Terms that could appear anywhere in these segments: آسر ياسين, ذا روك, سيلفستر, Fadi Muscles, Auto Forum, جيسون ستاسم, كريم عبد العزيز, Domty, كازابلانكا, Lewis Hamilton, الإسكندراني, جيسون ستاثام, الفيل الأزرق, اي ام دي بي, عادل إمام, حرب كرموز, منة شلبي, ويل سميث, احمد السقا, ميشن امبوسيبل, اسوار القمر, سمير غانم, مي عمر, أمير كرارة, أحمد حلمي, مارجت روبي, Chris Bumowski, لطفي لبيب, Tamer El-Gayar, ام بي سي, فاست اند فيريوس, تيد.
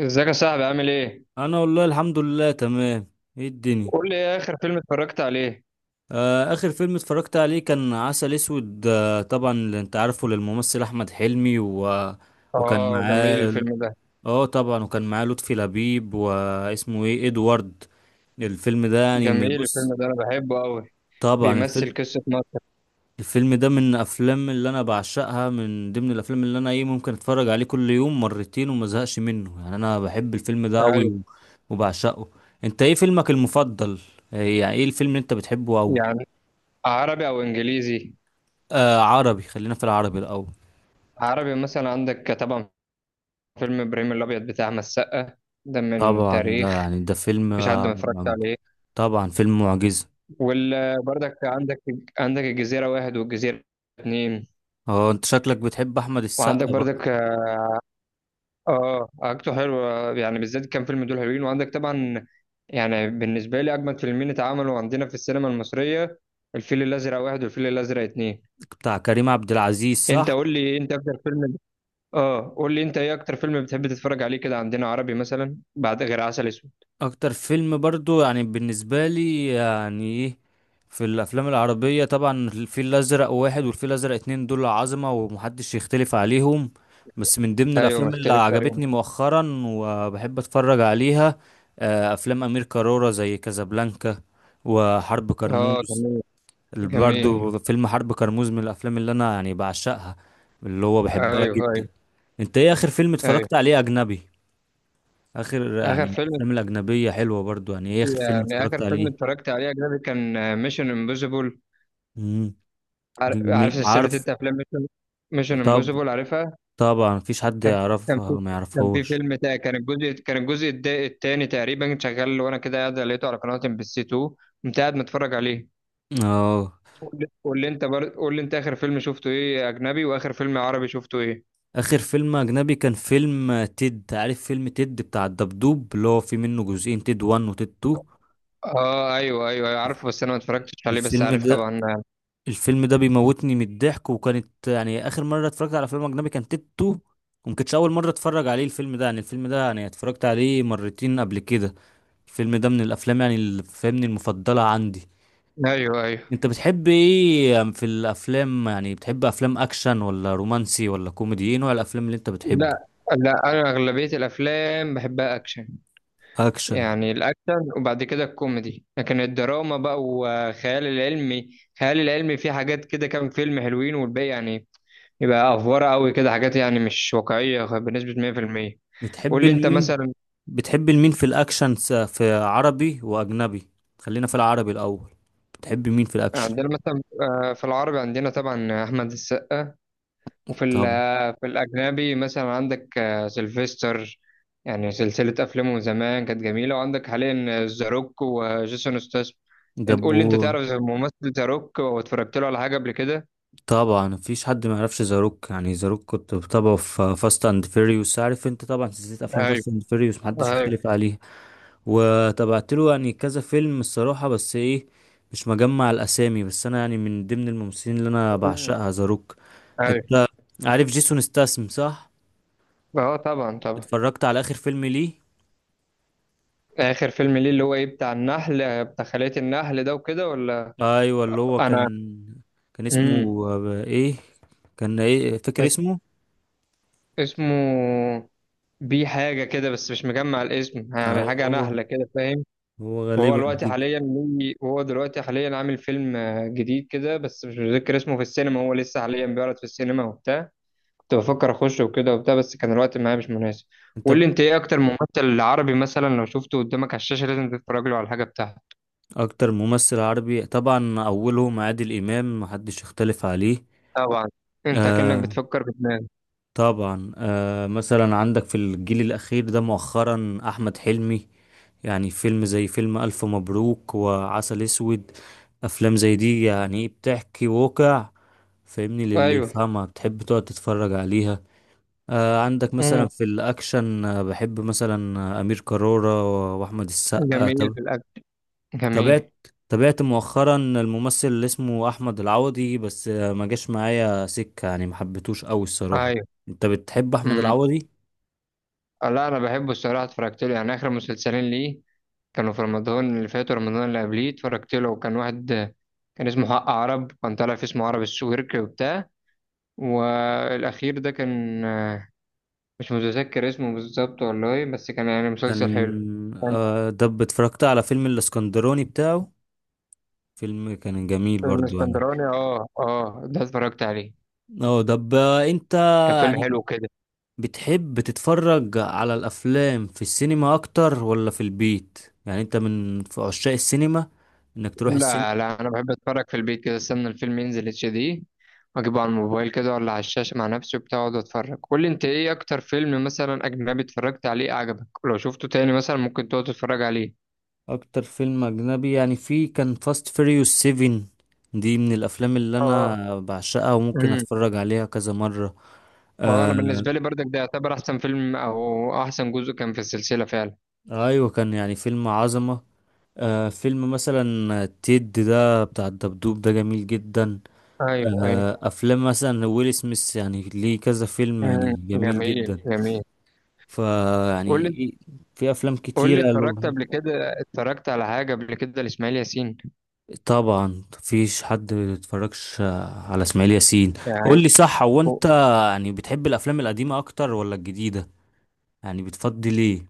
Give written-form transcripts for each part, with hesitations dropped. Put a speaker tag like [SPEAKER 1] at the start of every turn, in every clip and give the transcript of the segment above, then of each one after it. [SPEAKER 1] ازيك يا صاحبي، عامل ايه؟
[SPEAKER 2] انا والله الحمد لله تمام. ايه الدنيا؟
[SPEAKER 1] قول لي، ايه اخر فيلم اتفرجت عليه؟
[SPEAKER 2] آه، اخر فيلم اتفرجت عليه كان عسل اسود. آه طبعا اللي انت عارفه للممثل احمد حلمي وكان
[SPEAKER 1] اه، جميل
[SPEAKER 2] معاه
[SPEAKER 1] الفيلم ده.
[SPEAKER 2] اه، طبعا وكان معاه لطفي لبيب واسمه ايه ادوارد. الفيلم ده يعني
[SPEAKER 1] جميل
[SPEAKER 2] بص.
[SPEAKER 1] الفيلم ده، انا بحبه قوي.
[SPEAKER 2] طبعا
[SPEAKER 1] بيمثل
[SPEAKER 2] الفيلم
[SPEAKER 1] قصة مصر.
[SPEAKER 2] الفيلم ده من افلام اللي انا بعشقها، من ضمن الافلام اللي انا ايه ممكن اتفرج عليه كل يوم مرتين وما ازهقش منه، يعني انا بحب الفيلم ده قوي
[SPEAKER 1] عارف.
[SPEAKER 2] وبعشقه. انت ايه فيلمك المفضل؟ إيه يعني ايه الفيلم اللي انت بتحبه قوي؟
[SPEAKER 1] يعني، عربي او انجليزي؟
[SPEAKER 2] آه، عربي، خلينا في العربي الاول.
[SPEAKER 1] عربي مثلا، عندك طبعا فيلم ابراهيم الابيض بتاع احمد السقا، ده من
[SPEAKER 2] طبعا ده
[SPEAKER 1] تاريخ.
[SPEAKER 2] يعني ده فيلم
[SPEAKER 1] مفيش حد ما اتفرجش عليه.
[SPEAKER 2] طبعا فيلم معجزة.
[SPEAKER 1] وبرضك عندك الجزيرة واحد والجزيرة اتنين.
[SPEAKER 2] اه انت شكلك بتحب احمد
[SPEAKER 1] وعندك
[SPEAKER 2] السقا بقى.
[SPEAKER 1] برضك، حاجته حلوة يعني، بالذات كام فيلم دول حلوين. وعندك طبعا، يعني بالنسبة لي أجمد فيلمين اتعملوا عندنا في السينما المصرية، الفيل الأزرق واحد والفيل الأزرق اتنين.
[SPEAKER 2] بتاع كريم عبد العزيز
[SPEAKER 1] أنت
[SPEAKER 2] صح؟
[SPEAKER 1] قول لي أنت أكتر فيلم اه قول لي أنت، إيه أكتر فيلم بتحب تتفرج عليه كده عندنا، عربي مثلا، بعد غير عسل أسود؟
[SPEAKER 2] اكتر فيلم برضو يعني بالنسبه لي يعني ايه، في الافلام العربيه طبعا الفيل الازرق واحد والفيل الازرق اتنين، دول عظمه ومحدش يختلف عليهم. بس من ضمن
[SPEAKER 1] أيوه، ما
[SPEAKER 2] الافلام اللي
[SPEAKER 1] اختلفت عليهم.
[SPEAKER 2] عجبتني مؤخرا وبحب اتفرج عليها، افلام امير كرارة زي كازابلانكا وحرب
[SPEAKER 1] اه،
[SPEAKER 2] كرموز،
[SPEAKER 1] جميل.
[SPEAKER 2] اللي
[SPEAKER 1] جميل.
[SPEAKER 2] برضو فيلم حرب كرموز من الافلام اللي انا يعني بعشقها، اللي هو
[SPEAKER 1] أيوه،
[SPEAKER 2] بحبها جدا.
[SPEAKER 1] أيوه.
[SPEAKER 2] انت ايه اخر فيلم
[SPEAKER 1] أيوه.
[SPEAKER 2] اتفرجت عليه اجنبي؟ اخر
[SPEAKER 1] آخر
[SPEAKER 2] يعني
[SPEAKER 1] فيلم
[SPEAKER 2] افلام الاجنبيه حلوه برضو، يعني ايه اخر فيلم
[SPEAKER 1] يعني آخر
[SPEAKER 2] اتفرجت
[SPEAKER 1] فيلم
[SPEAKER 2] عليه؟
[SPEAKER 1] اتفرجت عليه أجنبي كان ميشن امبوسيبل.
[SPEAKER 2] امم،
[SPEAKER 1] عارف، عارف
[SPEAKER 2] جميل،
[SPEAKER 1] سلسلة
[SPEAKER 2] عارف،
[SPEAKER 1] أنت أفلام. ميشن
[SPEAKER 2] طب.
[SPEAKER 1] امبوسيبل، عارفها.
[SPEAKER 2] طبعا مفيش حد
[SPEAKER 1] كان كان في
[SPEAKER 2] يعرفها ما
[SPEAKER 1] كان في
[SPEAKER 2] يعرفهوش.
[SPEAKER 1] فيلم تا- كان الجزء التاني تقريبا شغال، وانا كده قاعد لقيته على قناة MBC 2. قمت قاعد متفرج عليه.
[SPEAKER 2] اه،
[SPEAKER 1] قول لي انت، اخر فيلم شفته ايه اجنبي، واخر فيلم عربي شفته ايه؟
[SPEAKER 2] اخر فيلم اجنبي كان فيلم تيد، عارف فيلم تيد بتاع الدبدوب اللي هو في منه جزئين، تيد 1 وتيد 2.
[SPEAKER 1] اه، ايوه، ايوه، أيوة، عارفه، بس انا ما اتفرجتش عليه، بس
[SPEAKER 2] الفيلم
[SPEAKER 1] عارف
[SPEAKER 2] ده
[SPEAKER 1] طبعا.
[SPEAKER 2] الفيلم ده بيموتني من الضحك، وكانت يعني اخر مره اتفرجت على فيلم اجنبي كان تيد 2، وما كانتش اول مره اتفرج عليه الفيلم ده، يعني الفيلم ده يعني اتفرجت عليه مرتين قبل كده. الفيلم ده من الافلام يعني اللي فاهمني المفضله عندي.
[SPEAKER 1] ايوه، ايوه.
[SPEAKER 2] انت بتحب ايه في الافلام؟ يعني بتحب افلام اكشن ولا رومانسي ولا كوميدي؟ ايه نوع الافلام اللي انت بتحبه؟
[SPEAKER 1] لا، لا، انا اغلبيه الافلام بحبها اكشن.
[SPEAKER 2] اكشن؟
[SPEAKER 1] يعني الاكشن، وبعد كده الكوميدي، لكن الدراما بقى، والخيال العلمي، الخيال العلمي فيه حاجات كده، كام فيلم حلوين، والباقي يعني يبقى افواره قوي كده، حاجات يعني مش واقعيه بنسبه 100%. قول
[SPEAKER 2] بتحب
[SPEAKER 1] لي انت
[SPEAKER 2] المين؟
[SPEAKER 1] مثلا.
[SPEAKER 2] في الاكشن في عربي واجنبي؟ خلينا في العربي الاول. بتحب مين في الاكشن؟
[SPEAKER 1] عندنا مثلا، في العربي عندنا طبعا احمد السقا، وفي ال-
[SPEAKER 2] طبعا.
[SPEAKER 1] آه، في الاجنبي مثلا عندك، سيلفستر، يعني سلسله افلامه من زمان كانت جميله. وعندك حاليا ذا روك وجيسون ستاثام. انت قول
[SPEAKER 2] دبو.
[SPEAKER 1] لي، انت تعرف زي الممثل ذا روك واتفرجت له على حاجه قبل كده؟
[SPEAKER 2] طبعا مفيش حد ما يعرفش زاروك، يعني زاروك كنت بتابعه في فاست اند فيريوس، عارف انت طبعا سلسله افلام
[SPEAKER 1] ايوه،
[SPEAKER 2] فاست اند فيريوس محدش
[SPEAKER 1] ايوه.
[SPEAKER 2] يختلف عليها. وتابعت له يعني كذا فيلم، الصراحة بس ايه، مش مجمع الاسامي، بس انا يعني من ضمن الممثلين اللي انا
[SPEAKER 1] مم.
[SPEAKER 2] بعشقها ذا روك.
[SPEAKER 1] ايوه.
[SPEAKER 2] انت عارف جيسون ستاسم صح؟
[SPEAKER 1] اه، طبعا، طبعا.
[SPEAKER 2] اتفرجت على اخر فيلم ليه؟
[SPEAKER 1] اخر فيلم ليه اللي هو ايه، بتاع خلية النحل ده وكده، ولا؟
[SPEAKER 2] ايوه اللي هو كان،
[SPEAKER 1] انا
[SPEAKER 2] كان
[SPEAKER 1] امم
[SPEAKER 2] اسمه ايه كان ايه فاكر
[SPEAKER 1] اس-
[SPEAKER 2] اسمه؟
[SPEAKER 1] اسمه بي حاجة كده، بس مش مجمع الاسم، يعني
[SPEAKER 2] ايوه
[SPEAKER 1] حاجة
[SPEAKER 2] هو،
[SPEAKER 1] نهلة كده، فاهم؟
[SPEAKER 2] هو غالبا جدا.
[SPEAKER 1] وهو دلوقتي حاليا عامل فيلم جديد كده، بس مش متذكر اسمه. في السينما، هو لسه حاليا بيعرض في السينما وبتاع. كنت بفكر اخشه وكده وبتاع، بس كان الوقت معايا مش مناسب.
[SPEAKER 2] انت
[SPEAKER 1] قول لي
[SPEAKER 2] ب-
[SPEAKER 1] انت، ايه اكتر ممثل عربي مثلا لو شفته قدامك على الشاشة لازم تتفرج له على الحاجة بتاعته؟
[SPEAKER 2] اكتر ممثل عربي طبعا اولهم عادل امام، محدش يختلف عليه.
[SPEAKER 1] طبعا. انت كأنك
[SPEAKER 2] آه،
[SPEAKER 1] بتفكر بدماغك.
[SPEAKER 2] طبعا. آه مثلا عندك في الجيل الأخير ده مؤخرا أحمد حلمي، يعني فيلم زي فيلم ألف مبروك وعسل أسود، أفلام زي دي يعني بتحكي واقع، فاهمني للي
[SPEAKER 1] ايوه.
[SPEAKER 2] يفهمها بتحب تقعد تتفرج عليها. آه عندك مثلا
[SPEAKER 1] مم.
[SPEAKER 2] في الأكشن، آه بحب مثلا أمير كرارة وأحمد
[SPEAKER 1] جميل
[SPEAKER 2] السقا.
[SPEAKER 1] في الاكل. جميل.
[SPEAKER 2] تابعت تابعت مؤخرا الممثل اللي اسمه احمد العوضي بس ما جاش معايا سكة، يعني ما حبيتوش قوي الصراحة.
[SPEAKER 1] ايوه.
[SPEAKER 2] انت بتحب احمد
[SPEAKER 1] مم.
[SPEAKER 2] العوضي؟
[SPEAKER 1] لا، انا بحبه الصراحه، اتفرجت له يعني اخر مسلسلين ليه، كانوا في رمضان اللي فات ورمضان اللي قبليه. اتفرجت له وكان واحد، كان اسمه حق عرب، كان طالع في اسمه عرب السويرك وبتاع. والاخير ده كان، مش متذكر اسمه بالظبط والله، بس كان يعني مسلسل حلو.
[SPEAKER 2] كان
[SPEAKER 1] كان
[SPEAKER 2] ده اتفرجت على فيلم الاسكندراني بتاعه، فيلم كان جميل
[SPEAKER 1] فيلم
[SPEAKER 2] برضو يعني.
[SPEAKER 1] اسكندراني، اه، اه، ده اتفرجت عليه.
[SPEAKER 2] اه طب انت
[SPEAKER 1] كان فيلم
[SPEAKER 2] يعني
[SPEAKER 1] حلو كده.
[SPEAKER 2] بتحب تتفرج على الافلام في السينما اكتر ولا في البيت؟ يعني انت من في عشاق السينما انك تروح
[SPEAKER 1] لا،
[SPEAKER 2] السينما؟
[SPEAKER 1] لا، انا بحب اتفرج في البيت كده، استنى الفيلم ينزل HD، واجيبه على الموبايل كده ولا على الشاشه مع نفسي وبتاع، واقعد اتفرج. قول لي انت، ايه اكتر فيلم مثلا اجنبي اتفرجت عليه عجبك لو شفته تاني مثلا ممكن تقعد تتفرج عليه؟
[SPEAKER 2] اكتر فيلم اجنبي يعني في كان فاست فيريوس 7، دي من الافلام اللي
[SPEAKER 1] اه.
[SPEAKER 2] انا بعشقها وممكن
[SPEAKER 1] امم.
[SPEAKER 2] اتفرج عليها كذا مرة.
[SPEAKER 1] هو انا
[SPEAKER 2] آه
[SPEAKER 1] بالنسبه لي برضك ده يعتبر احسن فيلم، او احسن جزء كان في السلسله فعلا.
[SPEAKER 2] ايوه كان يعني فيلم عظمة. آه فيلم مثلا تيد ده بتاع الدبدوب ده جميل جدا.
[SPEAKER 1] ايوه، ايوه.
[SPEAKER 2] آه افلام مثلا ويل سميث يعني ليه كذا فيلم يعني
[SPEAKER 1] امم.
[SPEAKER 2] جميل
[SPEAKER 1] جميل،
[SPEAKER 2] جدا.
[SPEAKER 1] جميل. قول
[SPEAKER 2] فيعني
[SPEAKER 1] لي،
[SPEAKER 2] في افلام كتيرة له.
[SPEAKER 1] اتفرجت على حاجه قبل كده لاسماعيل ياسين؟
[SPEAKER 2] طبعا مفيش حد ما بيتفرجش على اسماعيل ياسين.
[SPEAKER 1] يعني
[SPEAKER 2] قول لي صح، هو انت يعني بتحب الافلام القديمه اكتر ولا الجديده؟ يعني بتفضل ايه؟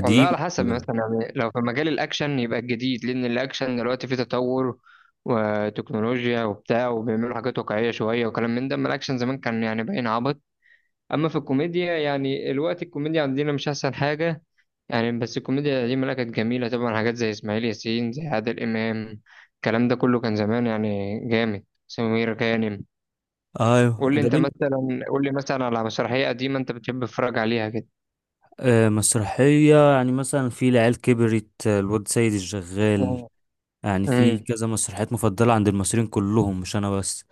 [SPEAKER 1] والله على حسب،
[SPEAKER 2] ولا لا؟
[SPEAKER 1] مثلا يعني لو في مجال الأكشن يبقى الجديد، لأن الأكشن دلوقتي فيه تطور وتكنولوجيا وبتاع، وبيعملوا حاجات واقعية شوية وكلام من ده. أما الأكشن زمان كان يعني باين عبط. أما في الكوميديا يعني الوقت، الكوميديا عندنا مش أحسن حاجة يعني، بس الكوميديا القديمة لا، كانت جميلة طبعا، حاجات زي إسماعيل ياسين، زي عادل إمام. الكلام ده كله كان زمان يعني جامد، سمير غانم.
[SPEAKER 2] ايوه ده بنت.
[SPEAKER 1] قول لي مثلا على مسرحية قديمة أنت بتحب تتفرج عليها كده؟
[SPEAKER 2] آه مسرحيه يعني مثلا في العيال كبرت، الواد سيد الشغال،
[SPEAKER 1] مم.
[SPEAKER 2] يعني في
[SPEAKER 1] مم.
[SPEAKER 2] كذا مسرحيات مفضله عند المصريين كلهم، مش انا بس.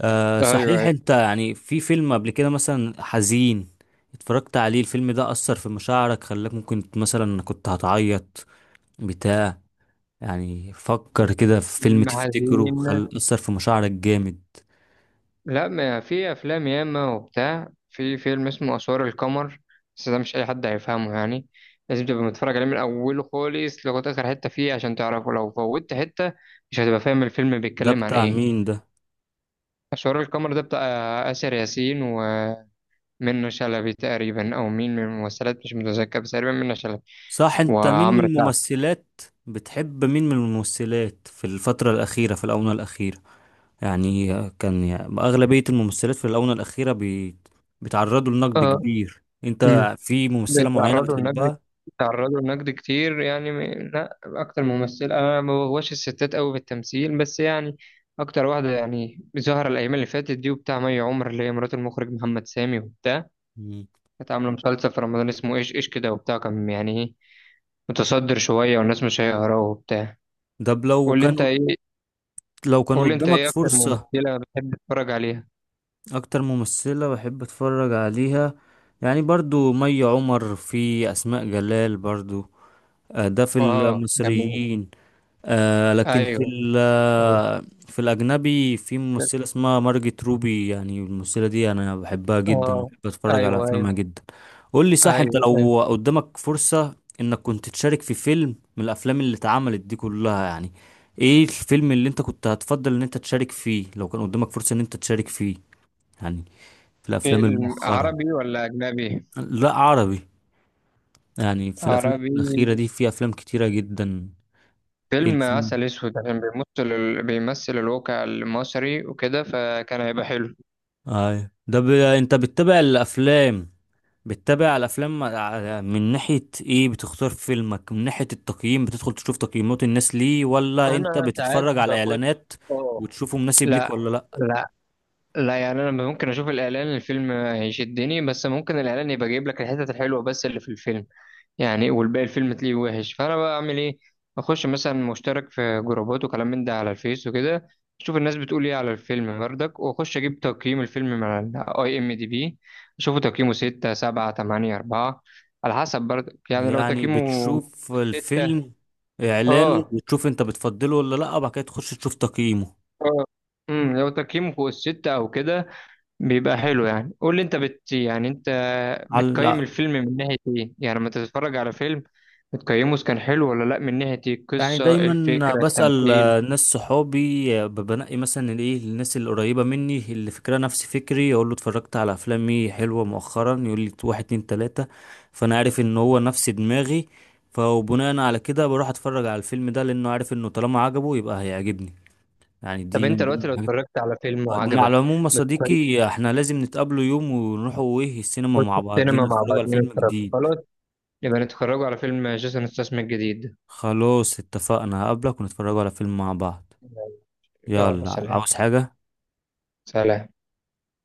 [SPEAKER 2] آه صحيح
[SPEAKER 1] أيوه.
[SPEAKER 2] انت يعني في فيلم قبل كده مثلا حزين اتفرجت عليه، الفيلم ده اثر في مشاعرك، خلاك ممكن مثلا كنت هتعيط بتاع، يعني فكر كده في فيلم
[SPEAKER 1] فيلم
[SPEAKER 2] تفتكره
[SPEAKER 1] حزين؟
[SPEAKER 2] خل أثر في مشاعرك جامد.
[SPEAKER 1] لا، ما في، افلام ياما وبتاع. في فيلم اسمه اسوار القمر، بس ده مش اي حد هيفهمه يعني. لازم تبقى متفرج عليه من اوله خالص لغايه اخر حته فيه عشان تعرفه، لو فوتت حته مش هتبقى فاهم الفيلم
[SPEAKER 2] ده
[SPEAKER 1] بيتكلم عن
[SPEAKER 2] بتاع
[SPEAKER 1] ايه.
[SPEAKER 2] مين ده؟
[SPEAKER 1] اسوار القمر ده بتاع آسر ياسين ومنة شلبي تقريبا، او مين من الممثلات مش متذكر، بس تقريبا منة شلبي
[SPEAKER 2] صح انت مين من
[SPEAKER 1] وعمرو سعد.
[SPEAKER 2] الممثلات بتحب مين من الممثلات في الفترة الأخيرة؟ في الآونة الأخيرة يعني كان يعني أغلبية الممثلات في الآونة الأخيرة بيتعرضوا لنقد
[SPEAKER 1] اه.
[SPEAKER 2] كبير. انت في ممثلة معينة
[SPEAKER 1] بيتعرضوا لنقد
[SPEAKER 2] بتحبها؟
[SPEAKER 1] بيتعرضوا لنقد كتير، يعني لا، اكتر ممثله، انا ما بغواش الستات قوي في التمثيل، بس يعني اكتر واحده يعني ظاهره الايام اللي فاتت دي وبتاع، مي عمر، اللي هي مرات المخرج محمد سامي وبتاع.
[SPEAKER 2] مم.
[SPEAKER 1] كانت عامله مسلسل في رمضان اسمه ايش ايش كده وبتاع، كان يعني ايه، متصدر شويه، والناس مش هيقراه وبتاع.
[SPEAKER 2] ده ب- لو
[SPEAKER 1] قول لي
[SPEAKER 2] كان
[SPEAKER 1] انت ايه
[SPEAKER 2] قد- لو كان
[SPEAKER 1] قول لي انت،
[SPEAKER 2] قدامك
[SPEAKER 1] ايه اكتر
[SPEAKER 2] فرصة.
[SPEAKER 1] ممثله بتحب تتفرج عليها؟
[SPEAKER 2] أكتر ممثلة بحب أتفرج عليها، يعني برضو مي عمر، في أسماء جلال برضو. آه، ده في
[SPEAKER 1] اه، جميل.
[SPEAKER 2] المصريين. آه، لكن في
[SPEAKER 1] ايوه.
[SPEAKER 2] ال-
[SPEAKER 1] اه.
[SPEAKER 2] آه، في الأجنبي في ممثلة اسمها مارجت روبي، يعني الممثلة دي أنا بحبها جدا وبحب أتفرج على
[SPEAKER 1] ايوه،
[SPEAKER 2] أفلامها
[SPEAKER 1] ايوه،
[SPEAKER 2] جدا. قول لي صح أنت
[SPEAKER 1] ايوه، ايوه.
[SPEAKER 2] لو قدامك فرصة إنك كنت تشارك في فيلم من الأفلام اللي اتعملت دي كلها، يعني إيه الفيلم اللي أنت كنت هتفضل إن أنت تشارك فيه لو كان قدامك فرصة إن أنت تشارك فيه يعني في الأفلام
[SPEAKER 1] فيلم
[SPEAKER 2] المؤخرة؟
[SPEAKER 1] عربي ولا اجنبي؟
[SPEAKER 2] لا عربي. يعني في الأفلام الأخيرة
[SPEAKER 1] عربي.
[SPEAKER 2] دي في أفلام كتيرة جدا. إيه
[SPEAKER 1] فيلم
[SPEAKER 2] الفيلم؟
[SPEAKER 1] عسل اسود، عشان بيمثل الواقع المصري وكده، فكان هيبقى حلو.
[SPEAKER 2] انت بتتابع الافلام من ناحية ايه بتختار فيلمك؟ من ناحية التقييم بتدخل تشوف تقييمات الناس ليه ولا انت
[SPEAKER 1] انا ساعات
[SPEAKER 2] بتتفرج على
[SPEAKER 1] بخش.
[SPEAKER 2] اعلانات
[SPEAKER 1] اه.
[SPEAKER 2] وتشوفه مناسب ليك
[SPEAKER 1] لا،
[SPEAKER 2] ولا لا؟
[SPEAKER 1] لا، لا، يعني انا ممكن اشوف الاعلان الفيلم هيشدني، بس ممكن الاعلان يبقى جايب لك الحتت الحلوه بس اللي في الفيلم، يعني والباقي الفيلم تلاقيه وحش، فانا بقى اعمل ايه؟ اخش مثلا، مشترك في جروبات وكلام من ده على الفيس وكده، اشوف الناس بتقول ايه على الفيلم بردك، واخش اجيب تقييم الفيلم من IMDb، اشوفه تقييمه 6 7 8 4، على حسب بردك، يعني لو
[SPEAKER 2] يعني
[SPEAKER 1] تقييمه
[SPEAKER 2] بتشوف
[SPEAKER 1] 6،
[SPEAKER 2] الفيلم اعلانه
[SPEAKER 1] اه،
[SPEAKER 2] وتشوف انت بتفضله ولا لا وبعد كده تخش تشوف تقييمه
[SPEAKER 1] اه، امم، لو تقييمه فوق الستة او كده بيبقى حلو يعني. قول لي انت، بت يعني انت
[SPEAKER 2] على؟
[SPEAKER 1] بتقيم الفيلم من ناحية ايه؟ يعني لما تتفرج على فيلم بتقيمه اذا كان حلو ولا لا من ناحية ايه؟
[SPEAKER 2] يعني
[SPEAKER 1] القصة،
[SPEAKER 2] دايما
[SPEAKER 1] الفكرة،
[SPEAKER 2] بسأل
[SPEAKER 1] التمثيل؟
[SPEAKER 2] ناس صحابي، بنقي مثلا الايه الناس القريبة مني اللي فكرها نفس فكري، اقول له اتفرجت على افلام ايه حلوة مؤخرا، يقول لي واحد اتنين تلاتة، فانا عارف ان هو نفس دماغي، فبناء على كده بروح اتفرج على الفيلم ده لانه عارف انه طالما عجبه يبقى هيعجبني. يعني
[SPEAKER 1] طب
[SPEAKER 2] دي
[SPEAKER 1] انت
[SPEAKER 2] من
[SPEAKER 1] دلوقتي
[SPEAKER 2] ضمن
[SPEAKER 1] لو
[SPEAKER 2] الحاجات.
[SPEAKER 1] اتفرجت على فيلم
[SPEAKER 2] مع
[SPEAKER 1] وعجبك
[SPEAKER 2] العموم يا
[SPEAKER 1] بتقيم.
[SPEAKER 2] صديقي احنا لازم نتقابله يوم ونروحوا ايه السينما
[SPEAKER 1] خش
[SPEAKER 2] مع
[SPEAKER 1] السينما
[SPEAKER 2] بعضينا
[SPEAKER 1] مع
[SPEAKER 2] نتفرجوا على
[SPEAKER 1] بعضين
[SPEAKER 2] فيلم
[SPEAKER 1] نتفرج،
[SPEAKER 2] جديد.
[SPEAKER 1] خلاص، يبقى نتفرجوا على فيلم جيسون ستاثام الجديد.
[SPEAKER 2] خلاص اتفقنا، هقابلك ونتفرجوا على فيلم مع بعض.
[SPEAKER 1] يلا،
[SPEAKER 2] يلا،
[SPEAKER 1] سلام.
[SPEAKER 2] عاوز حاجة؟
[SPEAKER 1] سلام.